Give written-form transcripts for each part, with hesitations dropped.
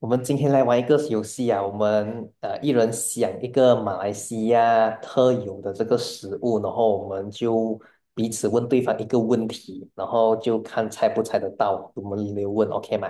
我们今天来玩一个游戏啊，我们一人想一个马来西亚特有的这个食物，然后我们就彼此问对方一个问题，然后就看猜不猜得到，我们轮流问，OK 吗？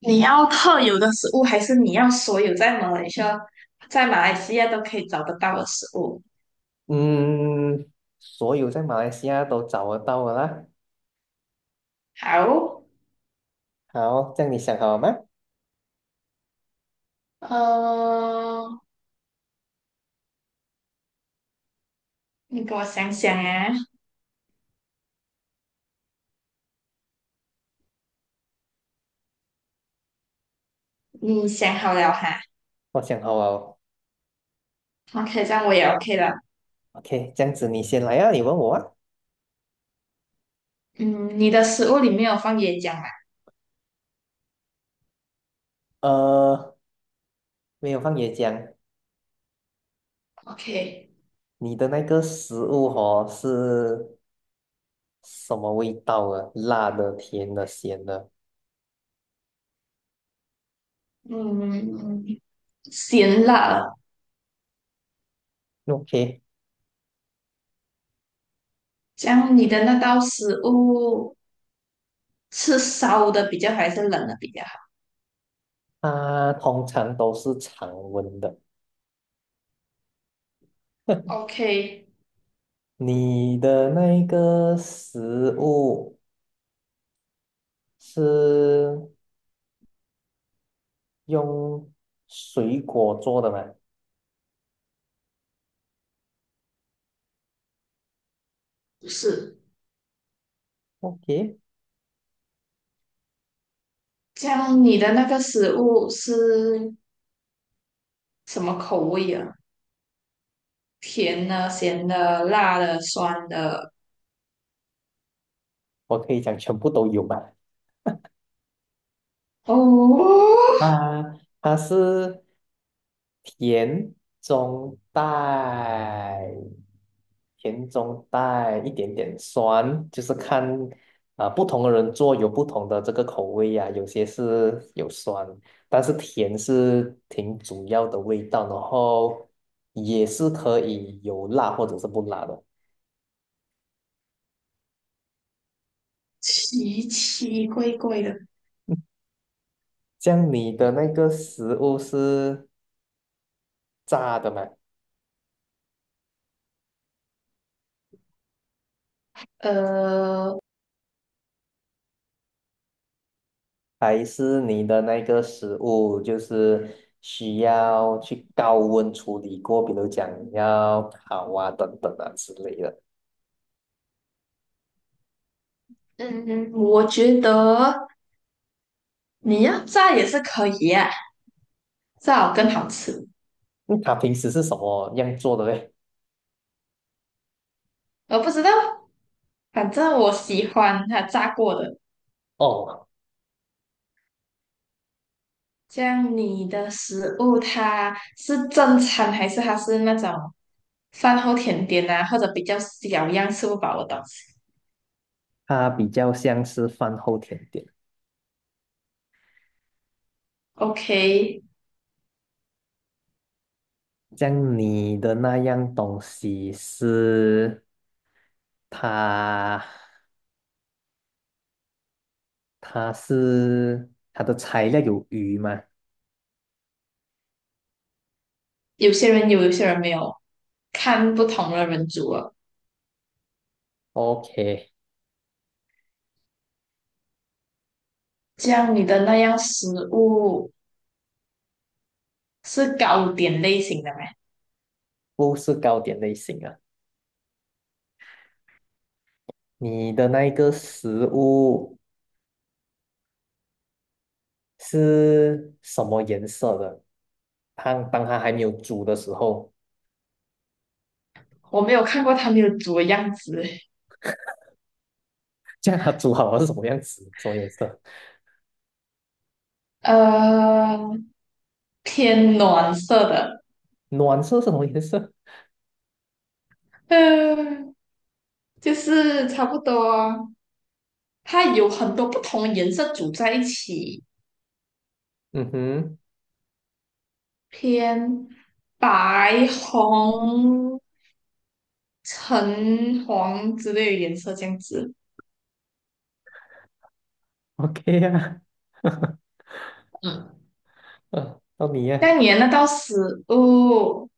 你要特有的食物，还是你要所有在马来西亚、在马来西亚都可以找得到的食物？嗯，所有在马来西亚都找得到的啦。好，好，这样你想好了吗？呃，你给我想想啊，你想好了哈我想好了。？OK，这样我也 OK 了。OK，这样子你先来啊，你问我啊。嗯，你的食物里面有放椰浆吗呃，没有放椰浆，？OK，你的那个食物哦是什么味道啊？辣的、甜的、咸的。嗯，咸辣，OK，这样你的那道食物是烧的比较好，还是冷的比较好它通常都是常温的。？OK，你的那个食物是用水果做的吗不是，？OK，这样你的那个食物是什么口味啊？甜的、咸的、辣的、酸的，我可以讲全部都有吧。哦，啊，它是。甜中带，甜中带一点点酸，就是看啊、不同的人做有不同的这个口味呀、有些是有酸，但是甜是挺主要的味道，然后也是可以有辣或者是不辣的。奇奇怪怪的。像你的那个食物是炸的吗？呃，还是你的那个食物就是需要去高温处理过，比如讲要烤啊、等等啊之类的。嗯，我觉得你要炸也是可以啊，炸好更好吃。嗯它平时是什么样做的嘞？我不知道，反正我喜欢它炸过的。哦，这样你的食物它是正餐还是它是那种饭后甜点啊，或者比较小样吃不饱的东西它比较像是饭后甜点。？OK，像你的那样东西是它，它是它的材料有鱼吗有些人有，有些人没有，看不同的人煮了。？OK，这样你的那样食物是糕点类型的吗？不是糕点类型啊。你的那一个食物。是什么颜色的？汤当它还没有煮的时候，我没有看过他们有煮的样子，这样它煮好了是什么样子？什么颜色？呃，偏暖色的，暖色是什么颜色？嗯、就是差不多，它有很多不同颜色组在一起，嗯哼偏白、红、橙、黄之类的颜色这样子。，OK 呀、嗯，嗯，到你那呀、你的那道食物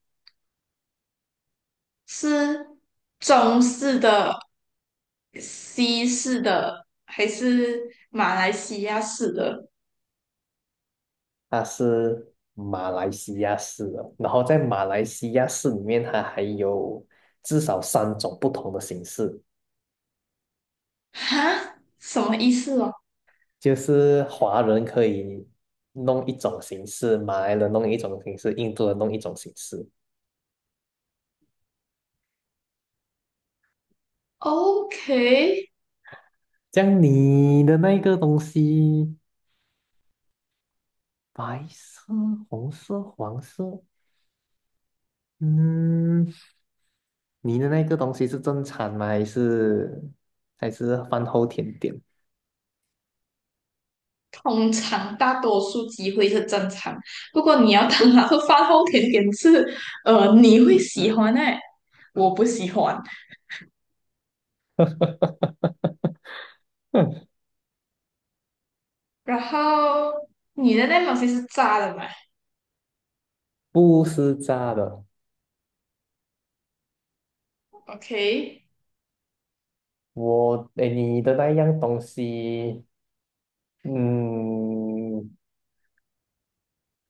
是中式的、西式的，还是马来西亚式的？它是马来西亚式的，然后在马来西亚式里面，它还有至少三种不同的形式，哈，什么意思哦就是华人可以弄一种形式，马来人弄一种形式，印度人弄一种形式。？OK，这样你的那个东西，白色、红色、黄色，嗯，你的那个东西是正餐吗？还是饭后甜点？通常大多数机会是正常，不过你要当那是饭后甜点吃，你会喜欢诶，我不喜欢。然后你的那东西是炸的嘛不是炸的。？OK，我，哎，你的那样东西，嗯，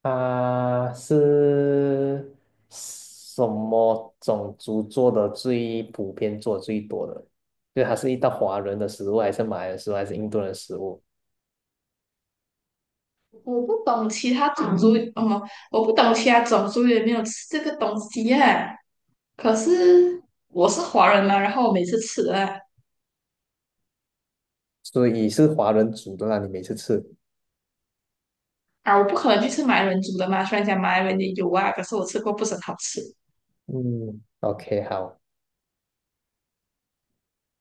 它是什么种族做的最普遍、做得最多的？就它是一道华人的食物，还是马来人食物，还是印度人食物？我不懂其他种族，哦，我不懂其他种族有没有吃这个东西耶、可是我是华人嘛，然后我每次吃啊所以是华人煮的那你每次吃。啊，我不可能去吃马来人煮的嘛。虽然讲马来人也有啊，可是我吃过不是很好吃。嗯，OK，好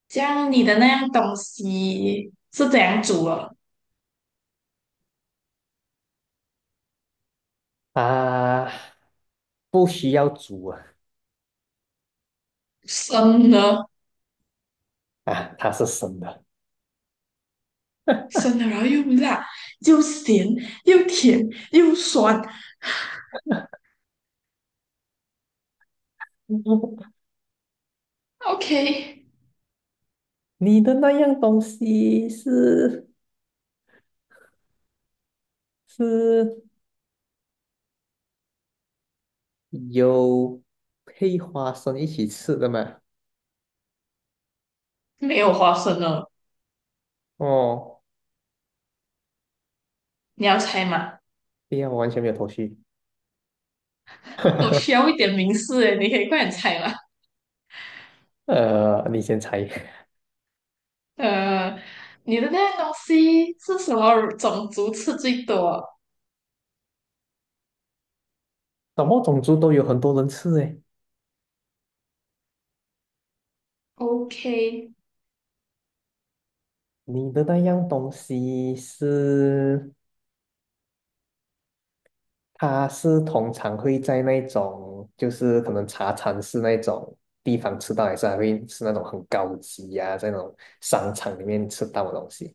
这样你的那样东西是怎样煮的？啊，不需要煮啊，生的，啊，它是生的。生的，然后又辣，又咸，又甜，又酸。OK，你的那样东西是有配花生一起吃的吗？没有花生了，哦，你要猜吗？对呀，我完全没有头绪。我需要一点名示诶，你可以快点猜吗？呃，你先猜，呃，你的那样东西是什么种族吃最多 什么种族都有很多人吃诶。？OK，你的那样东西是，它是通常会在那种，就是可能茶餐室那种地方吃到，还是还会是那种很高级呀、在那种商场里面吃到的东西。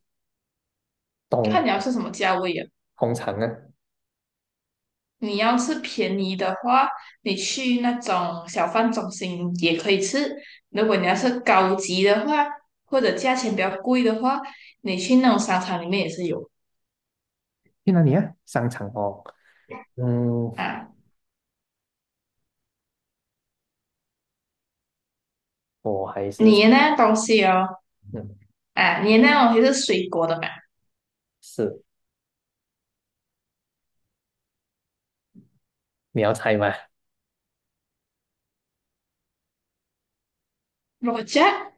看你要通吃什么价位啊。通常啊，你要是便宜的话，你去那种小贩中心也可以吃；如果你要是高级的话，或者价钱比较贵的话，你去那种商场里面也是有去哪里啊？商场哦。嗯，啊。我还是你的那样东西哦，嗯啊，你的那样东西是水果的嘛？是，你要猜吗？肉夹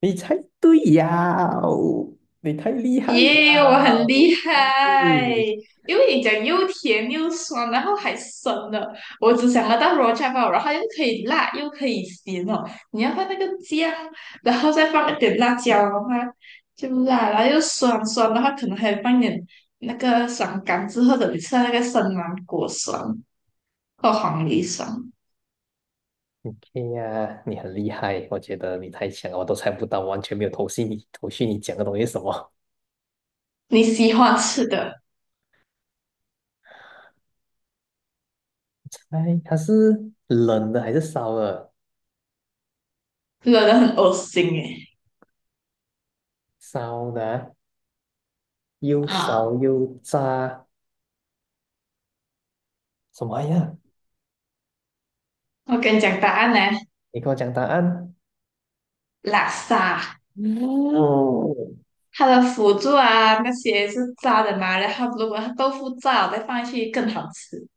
你猜对呀哦，你太厉害呀耶我很哦！厉害，因为你讲又甜又酸，然后还生的。我只想得到 raw java，然后又可以辣又可以咸哦。你要放那个姜，然后再放一点辣椒的话，就辣，然后又酸酸的话，可能还放一点那个酸柑之或者你吃到那个生芒果酸或黄梨酸。哎呀，你很厉害，我觉得你太强了，我都猜不到，完全没有头绪你讲的东西是什么？你喜欢吃的，猜它是冷的还是烧的？惹人很恶心诶。烧的啊又啊，烧又炸，什么呀？我跟你讲答案呢，你跟我讲答案。拉萨。嗯它的辅助啊那些是炸的嘛，然后如果它豆腐炸了再放进去更好吃。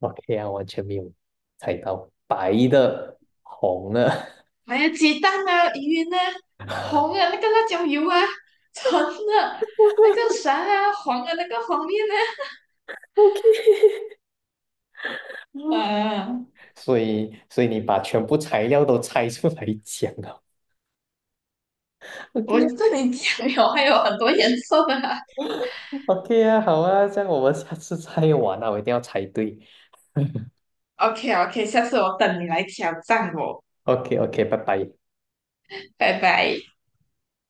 ，OK 啊，完全没有猜到，白的、红的 还有鸡蛋啊、鱼呢、红的那个辣椒油啊、橙的那个 啥啊、黄的那个黄面呢、，OK 啊，啊。所以你把全部材料都猜出来讲了我，OK 这里讲有还有很多颜色的啊 OK 啊，好啊，这样我们下次再玩啊，我一定要猜对。OK OK，下次我等你来挑战我，OK OK，拜拜。拜拜。